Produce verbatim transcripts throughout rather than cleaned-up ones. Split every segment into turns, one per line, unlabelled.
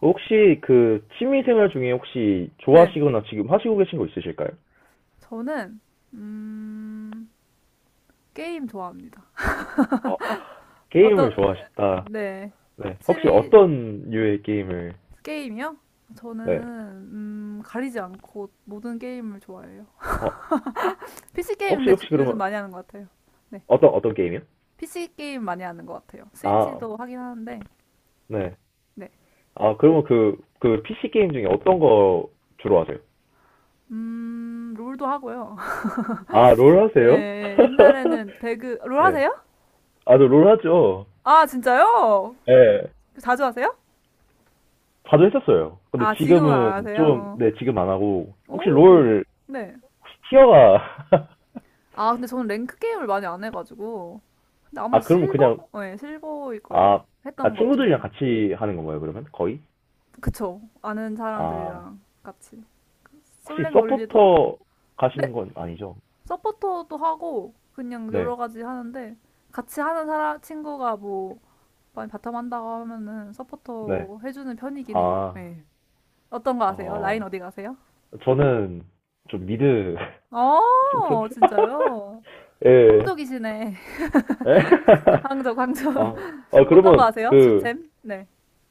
혹시 그 취미생활 중에 혹시
네,
좋아하시거나 지금 하시고 계신 거 있으실까요?
저는 음, 게임 좋아합니다.
어,
어떤
게임을 좋아하시다.
네,
네. 혹시
취미
어떤 류의 게임을,
게임이요? 저는
네.
음, 가리지 않고 모든 게임을 좋아해요.
어,
피시 게임
혹시,
근데 주-
혹시
요즘
그러면
많이 하는 것 같아요. 네,
어떤, 어떤 게임이요?
피시 게임 많이 하는 것 같아요.
아,
스위치도 하긴 하는데,
네.
네,
아, 그러면 그, 그 피씨 게임 중에 어떤 거 주로 하세요?
음, 롤도 하고요.
아, 롤
예,
하세요?
예, 옛날에는 배그 롤
네.
하세요?
아, 저롤 하죠.
아, 진짜요?
네.
자주 하세요?
자주 했었어요. 근데
아, 지금은 안
지금은 좀,
하세요?
네, 지금 안 하고.
어.
혹시
오,
롤,
네.
혹시 티어가,
아, 근데 저는 랭크 게임을 많이 안 해가지고. 근데 아마
아, 그러면 그냥
실버? 네, 실버일 거예요.
아, 아,
했던 것 중에.
친구들이랑 같이 하는 건가요, 그러면? 거의?
그쵸. 아는
아,
사람들이랑 같이.
혹시
솔랭 돌리도.
서포터 가시는
네,
건 아니죠?
서포터도 하고, 그냥
네,
여러 가지 하는데, 같이 하는 사람, 친구가 뭐, 많이 바텀 한다고 하면은
네.
서포터 해주는 편이긴 해요.
아,
네. 어떤 거 아세요? 라인
어,
어디 가세요?
저는 좀 미드, 좀 그런데?
어, 진짜요?
예, 예.
황족이시네.
예.
황족, 황족.
아, 아,
어떤 거
그러면
아세요?
그,
주템? 네.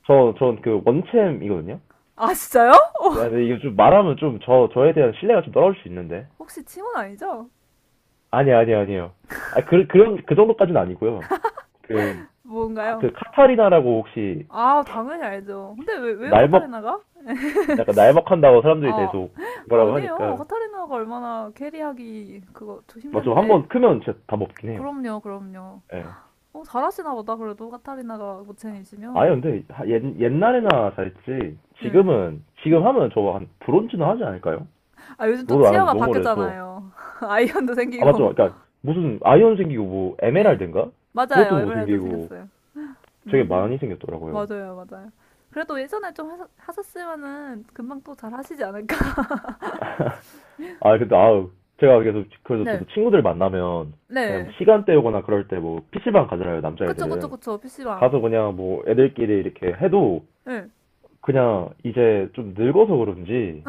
저, 전 그 원챔이거든요?
아, 진짜요?
네, 근데 이거 좀 말하면 좀 저, 저에 대한 신뢰가 좀 떨어질 수 있는데.
혹시 팀원 아니죠?
아니, 아니, 아니에요. 아, 그, 그런, 그 정도까지는 아니고요. 그, 아,
뭔가요?
그 카타리나라고 혹시
아, 당연히 알죠. 근데 왜, 왜요,
날먹
카타리나가?
약간 날먹한다고 사람들이
아,
계속 뭐라고
아니에요.
하니까
카타리나가 얼마나 캐리하기 그거 좀 힘든
맞죠. 한
데
번 크면 진짜 다 먹긴 해요.
그럼요, 그럼요.
예.
어, 잘하시나 보다, 그래도 카타리나가
아니
모챔이시면.
근데 하- 옛, 옛날에나 잘했지
예.
지금은 지금 하면 저거 한 브론즈는 하지 않을까요?
아, 요즘 또
롤을 안 한지
티어가
너무 오래서
바뀌었잖아요. 아이언도
아
생기고.
맞죠. 그러니까 무슨 아이언 생기고 뭐
예.
에메랄드인가? 그것도
맞아요.
못
에메랄드
생기고
생겼어요.
되게
음,
많이 생겼더라고요.
맞아요, 맞아요. 그래도 예전에 좀 하셨, 하셨으면은 금방 또 잘하시지 않을까?
아 근데 아우 제가 계속 그래서 저도
네,
친구들 만나면 그냥 뭐
네.
시간 때우거나 그럴 때 뭐 피씨방 가잖아요
그쵸, 그쵸,
남자애들은.
그쵸. 피시방.
가서 그냥 뭐 애들끼리 이렇게 해도
예.
그냥 이제 좀 늙어서 그런지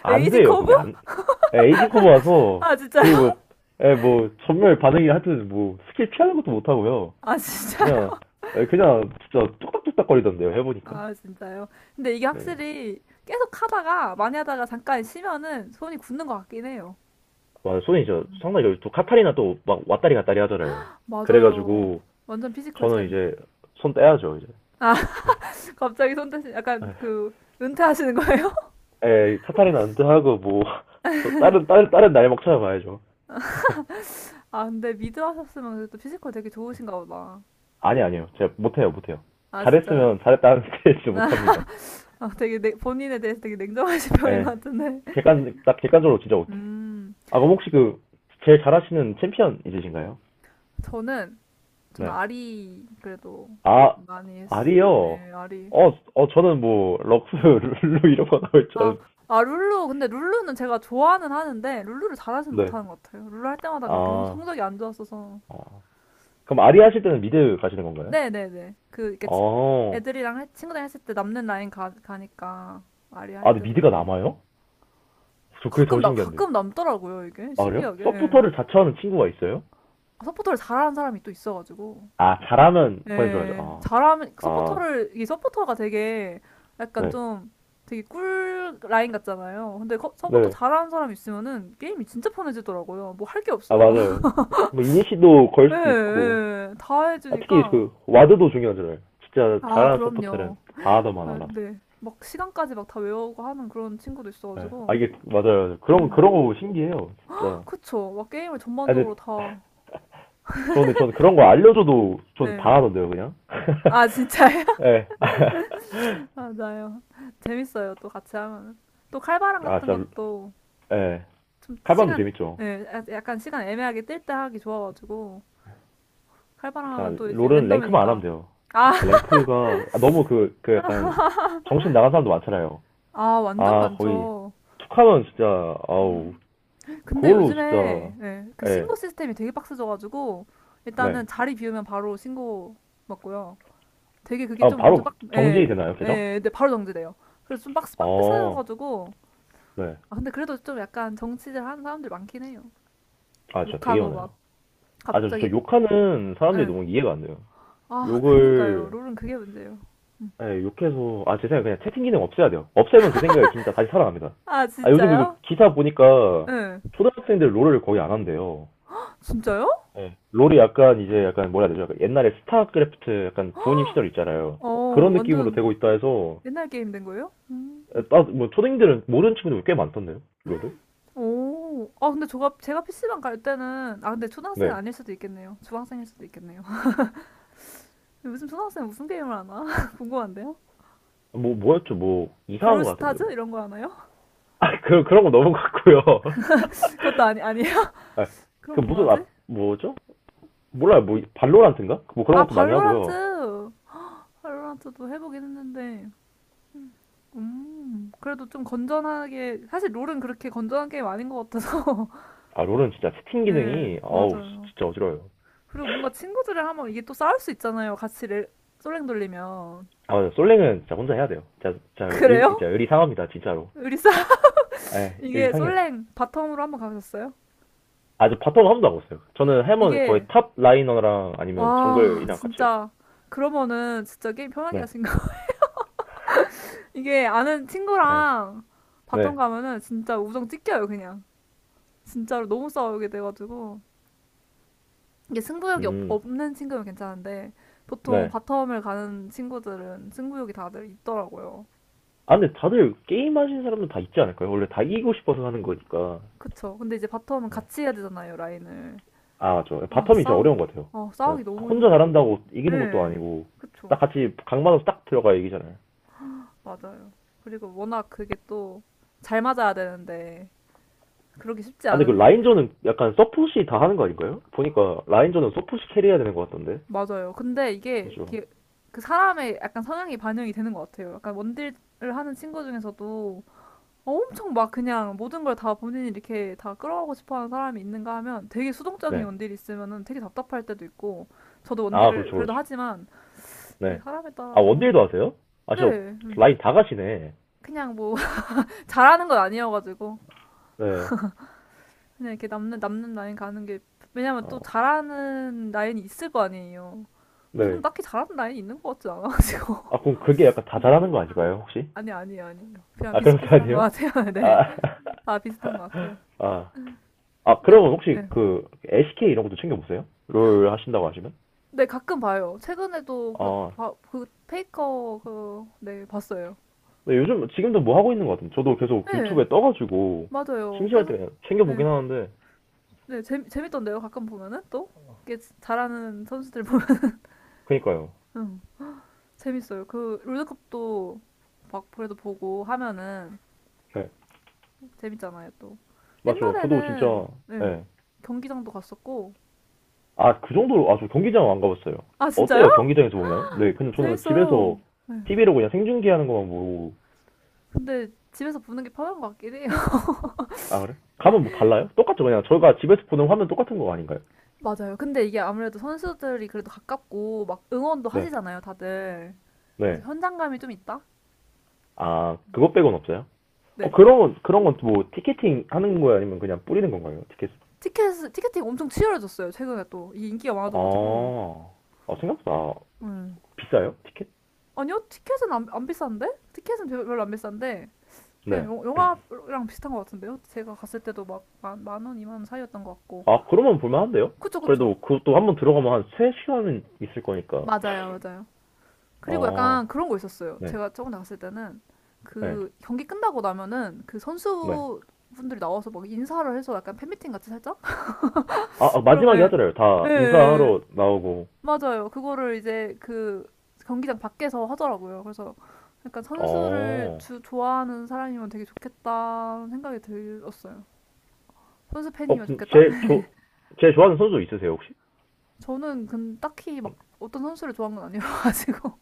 안
에이징
돼요.
커브?
그게 안 에, 에이징 커버 와서
아,
그뭐
진짜요?
뭐 예, 뭐 전멸 반응이 하여튼 뭐 스킬 피하는 것도 못 하고요.
아, 진짜?
그냥 에, 그냥 진짜 뚝딱뚝딱 거리던데요. 해보니까.
아, 진짜요? 근데 이게
네.
확실히 계속 하다가 많이 하다가 잠깐 쉬면은 손이 굳는 것 같긴 해요.
와, 손이 저 상당히 여기 또 카타리나 또 막 왔다리 갔다리 하잖아요.
맞아요.
그래가지고
완전 피지컬
저는
챔.
이제 손 떼야죠 이제.
아, 갑자기 손 대신 약간 그 은퇴하시는 거예요?
에 카타리나 은퇴하고 뭐 저 다른 다른 다른 날 먹 찾아봐야죠.
아, 근데 미드 하셨으면 그래도 피지컬 되게 좋으신가 보다.
아니, 아니요. 제가 못해요, 못해요.
아, 진짜요?
잘했으면 잘했다는 스테이지
아,
못합니다.
아, 되게 내- 본인에 대해서 되게 냉정하신 편인 것
예.
같은데.
객관, 딱 객관적으로 진짜 못해.
음.
아, 그럼 혹시 그, 제일 잘하시는 챔피언 있으신가요?
저는 저는
네.
아리 그래도
아,
많이 했.
아리요.
네, 아리.
어, 어, 저는 뭐, 럭스, 룰루 이런 거 나올 줄
아,
알았는데.
아, 룰루. 근데 룰루는 제가 좋아는 하는데, 룰루를 잘하진
네.
못하는 것 같아요. 룰루 할 때마다 그렇게 성-
아,
성적이 안 좋았어서.
어. 그럼 아리 하실 때는 미드 가시는 건가요?
네네네. 그, 이렇게 치-
어,
애들이랑, 해- 친구들이랑 했을 때 남는 라인 가, 가니까, 아리아 할
아, 근데
때도
미드가
있고.
남아요? 저 그게 더
가끔 나,
신기한데.
가끔 남더라고요, 이게.
아, 그래요?
신기하게. 예.
서포터를 자처하는 친구가 있어요?
서포터를 잘하는 사람이 또 있어가지고.
아, 잘하면 보내줘야죠.
예.
아,
잘하면,
아,
서포터를, 이 서포터가 되게, 약간
네.
좀, 되게 꿀 라인 같잖아요. 근데 거- 서포터
네.
잘하는 사람 있으면은 게임이 진짜 편해지더라고요. 뭐 할 게
아,
없어요.
맞아요. 뭐, 이니시도 걸
예,
수도 있고,
예, 다
아, 특히
해주니까.
그, 와드도 중요하잖아요. 진짜
아,
잘하는 서포터는
그럼요.
다 하더만
예,
알아.
네. 막 시간까지 막 다 외우고 하는 그런 친구도
네. 아,
있어가지고.
이게, 맞아요. 맞아요.
예.
그런, 그런 거 신기해요, 진짜.
그쵸. 막 게임을
아,
전반적으로
근데
다.
저는, 저는 그런 거 알려줘도 전
네.
다 하던데요, 그냥.
아, 진짜요?
예.
맞아요. 재밌어요. 또 같이 하면. 또 칼바람
아,
같은
진짜,
것도
예.
좀
칼밤도
시간,
재밌죠.
예, 야- 약간 시간 애매하게 뜰 때 하기 좋아가지고. 칼바람
자,
하면 또 이제
롤은 랭크만 안
랜덤이니까.
하면 돼요.
아,
랭크가, 아, 너무 그, 그 약간, 정신 나간 사람도 많잖아요.
아, 완전
아, 거의,
많죠.
툭 하면 진짜, 아우,
근데
그걸로 진짜
요즘에 예, 그
예.
신고 시스템이 되게 빡세져가지고
네.
일단은 자리 비우면 바로 신고 받고요. 되게 그게
아
좀 엄청
바로
빡, 예,
정지되나요, 계정?
예, 근데 바로 정지돼요. 그래서 좀 빡세,
아.
빡세져가지고
네.
아, 근데 그래도 좀 약간 정치질 하는 사람들 많긴 해요.
아, 진짜 되게
욕하고
많아요.
막
아, 저, 저
갑자기.
욕하는 사람들이
예.
너무 이해가 안 돼요.
아, 그니까요.
욕을
롤은 그게 문제예요.
예, 욕해서 아, 제 생각에 그냥 채팅 기능 없애야 돼요. 없애면 제 생각에 진짜 다시 살아납니다.
아,
아, 요즘 그리고
진짜요?
기사 보니까
예.
초등학생들 롤을 거의 안 한대요.
진짜요?
예. 롤이 약간 이제 약간 뭐라 해야 되죠? 약간 옛날에 스타크래프트 약간 부모님 시절 있잖아요.
어,
그런 느낌으로
완전
되고 있다 해서
옛날 게임 된 거예요? 음.
따, 뭐초생들은 모르는 친구들 꽤 많던데요, 롤을?
오. 아, 근데 제가, 제가 피시방 갈 때는, 아, 근데 초등학생
네.
아닐 수도 있겠네요. 중학생일 수도 있겠네요. 요즘 초등학생 무슨 게임을 하나? 궁금한데요?
뭐, 뭐였죠? 뭐, 이상한 거 같은데.
브롤스타즈? 이런 거 하나요?
아, 그, 그런 거 너무 같고요.
그것도 아니, 아니에요?
아, 그
그럼 뭐
무슨,
하지?
아, 뭐죠? 몰라요. 뭐, 발로란트인가? 뭐 그런
아,
것도 많이 하고요.
발로란트! 발로란트도 해보긴 했는데, 음, 그래도 좀 건전하게, 사실 롤은 그렇게 건전한 게임 아닌 것 같아서.
아, 롤은 진짜 채팅
네,
기능이, 아우,
맞아요.
진짜 어지러워요.
그리고 뭔가 친구들이랑 하면 이게 또 싸울 수 있잖아요. 같이 레, 솔랭 돌리면.
아, 솔랭은 진짜 혼자 해야 돼요. 진짜, 진짜, 의,
그래요?
진짜 의리상합니다, 진짜로.
우리 싸.
에, 의리
이게
상해요 진짜.
솔랭 바텀으로 한번 가보셨어요?
아, 저 바텀 한 번도 안 봤어요. 저는 해머는 거의
이게,
탑 라이너랑 아니면
와,
정글이랑 같이 해요.
진짜. 그러면은 진짜 게임 편하게
네,
하신가? 이게 아는
네,
친구랑 바텀
네,
가면은 진짜 우정 찢겨요 그냥. 진짜로 너무 싸우게 돼가지고. 이게 승부욕이 없,
음,
없는 친구면 괜찮은데, 보통
네.
바텀을 가는 친구들은 승부욕이 다들 있더라고요.
아, 근데 다들 게임 하시는 사람은 다 있지 않을까요? 원래 다 이기고 싶어서 하는 거니까.
그쵸. 근데 이제 바텀은
네.
같이 해야 되잖아요, 라인을.
아, 저
아
바텀이 진짜
싸우기
어려운 것 같아요.
아
네,
싸우기 너무
혼자
힘-.
잘한다고 이기는 것도
예.
아니고
그쵸.
딱 같이 각 맞아서 딱 들어가야 이기잖아요.
맞아요. 그리고 워낙 그게 또 잘 맞아야 되는데, 그러기 쉽지
아, 근데 그
않으니.
라인전은 약간 서폿이 다 하는 거 아닌가요? 보니까 라인전은 서폿이 캐리해야 되는 것 같던데.
맞아요. 근데 이게
그렇죠.
이게 그 사람의 약간 성향이 반영이 되는 것 같아요. 약간 원딜을 하는 친구 중에서도 엄청 막 그냥 모든 걸 다 본인이 이렇게 다 끌어가고 싶어 하는 사람이 있는가 하면 되게 수동적인
네.
원딜이 있으면은 되게 답답할 때도 있고. 저도
아,
원딜을
그렇죠,
그래도
그렇죠.
하지만 이
네.
사람에
아,
따라서.
원딜도 하세요? 아,
네.
저
음.
라인 다 가시네.
그냥 뭐, 잘하는 건 아니어가지고.
네.
그냥 이렇게 남는, 남는 라인 가는 게, 왜냐면
어,
또 잘하는 라인이 있을 거 아니에요. 저는
네.
딱히 잘하는 라인이 있는 것 같진 않아가지고.
아, 그럼 그게 약간 다 잘하는
비슷비슷.
거 아닌가요, 혹시?
아니, 아니에요, 아니에요. 그냥
아, 그아니
비슷비슷한
에
것
요
같아요. 네.
아,
다 비슷한 것 같아요.
아, 아,
네,
그러면 혹시
네.
그 엘씨케이 이런 것도 챙겨 보세요? 롤 하신다고 하시면?
네, 가끔 봐요. 최근에도 그,
아,
바- 그 페이커, 그, 네, 봤어요.
근데 요즘 지금도 뭐 하고 있는 것 같은데 저도 계속
네,
유튜브에 떠가지고
맞아요.
심심할
계속,
때 챙겨
네.
보긴 하는데
네, 재미, 재밌던데요. 가끔 보면은 또? 이게 잘하는 선수들 보면.
그니까요.
응, 재밌어요. 그, 롤드컵도 막 그래도 보고 하면은
네,
재밌잖아요, 또.
맞죠. 저도 진짜
옛날에는 네,
네.
경기장도 갔었고.
아, 그 정도로 아, 저 경기장 안 가봤어요.
아, 진짜요?
어때요? 경기장에서 보면? 네, 근데 저는
재밌어요.
집에서
네.
티비로 그냥 생중계하는 것만 보고
근데 집에서 보는 게 편한 것 같긴 해요.
아, 그래?
네,
가면 뭐 달라요? 똑같죠. 그냥 저희가 집에서 보는 화면 똑같은 거 아닌가요?
맞아요. 근데 이게 아무래도 선수들이 그래도 가깝고 막 응원도
네,
하시잖아요, 다들.
네.
그래서 현장감이 좀 있다?
아, 그것 빼곤 없어요? 어,
네.
그런, 그런 건 뭐, 티켓팅 하는 거예요? 아니면 그냥 뿌리는 건가요? 티켓?
티켓, 티켓팅 엄청 치열해졌어요, 최근에 또. 이게 인기가 많아져가지고.
아, 아, 생각보다
네.
비싸요? 티켓?
아니요, 티켓은 안, 안 비싼데? 티켓은 별- 별로 안 비싼데. 그냥
네.
영- 영화랑 비슷한 것 같은데요? 제가 갔을 때도 막 만, 만 원, 이만 원 사이였던 것 같고.
아, 그러면 볼만한데요?
그쵸, 그쵸.
그래도 그것도 한번 들어가면 한 세 시간은 있을 거니까.
맞아요, 맞아요. 그리고 약간
아,
그런 거 있었어요.
네,
제가 저번에 갔을 때는
네,
그 경기 끝나고 나면은 그
네.
선수분들이 나와서 막 인사를 해서 약간 팬미팅 같이 살짝?
아, 아,
그럼,
마지막에
예.
하잖아요.
예,
다
예, 예.
인사하러 나오고.
맞아요. 그거를 이제 그 경기장 밖에서 하더라고요. 그래서 약간 선수를
어,
주, 좋아하는 사람이면 되게 좋겠다는 생각이 들었어요. 선수
어,
팬이면
그
좋겠다?
제, 조, 제 좋아하는 선수 있으세요, 혹시?
저는 근 딱히 막 어떤 선수를 좋아한 건 아니어가지고.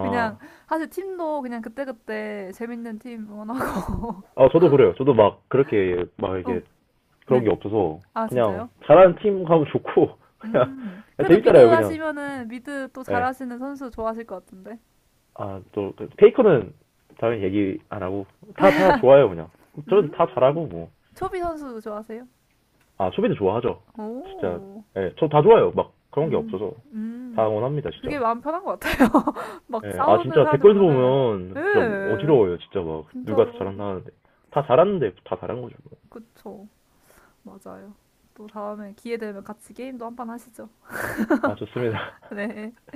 그냥 사실 팀도 그냥 그때그때 재밌는 팀 응원하고.
아, 저도 그래요. 저도 막 그렇게 막 이게
어,
그런
네.
게 없어서
아,
그냥
진짜요?
잘하는 팀 가면 좋고 그냥,
음. 그래도 미드
재밌잖아요 그냥
하시면은 미드 또
예.
잘하시는 선수 좋아하실 것 같은데.
아또 페이커는 당연히 얘기 안 하고 다 다 좋아요 그냥 저는 다
음.
잘하고 뭐
초비 선수 좋아하세요?
아 수비도 좋아하죠 진짜
오.
예. 저 다 좋아요 막 그런 게
음.
없어서 다
음.
응원합니다 진짜
그게 마음 편한 것 같아요. 막
예, 아
싸우는
진짜
사람들
댓글도
보면은.
보면 진짜
예.
어지러워요 진짜 막 누가 더
진짜로.
잘한다 하는데 다 잘하는데 다 잘한 거죠 뭐.
그쵸. 맞아요. 또 다음에 기회 되면 같이 게임도 한판 하시죠.
아 좋습니다
네.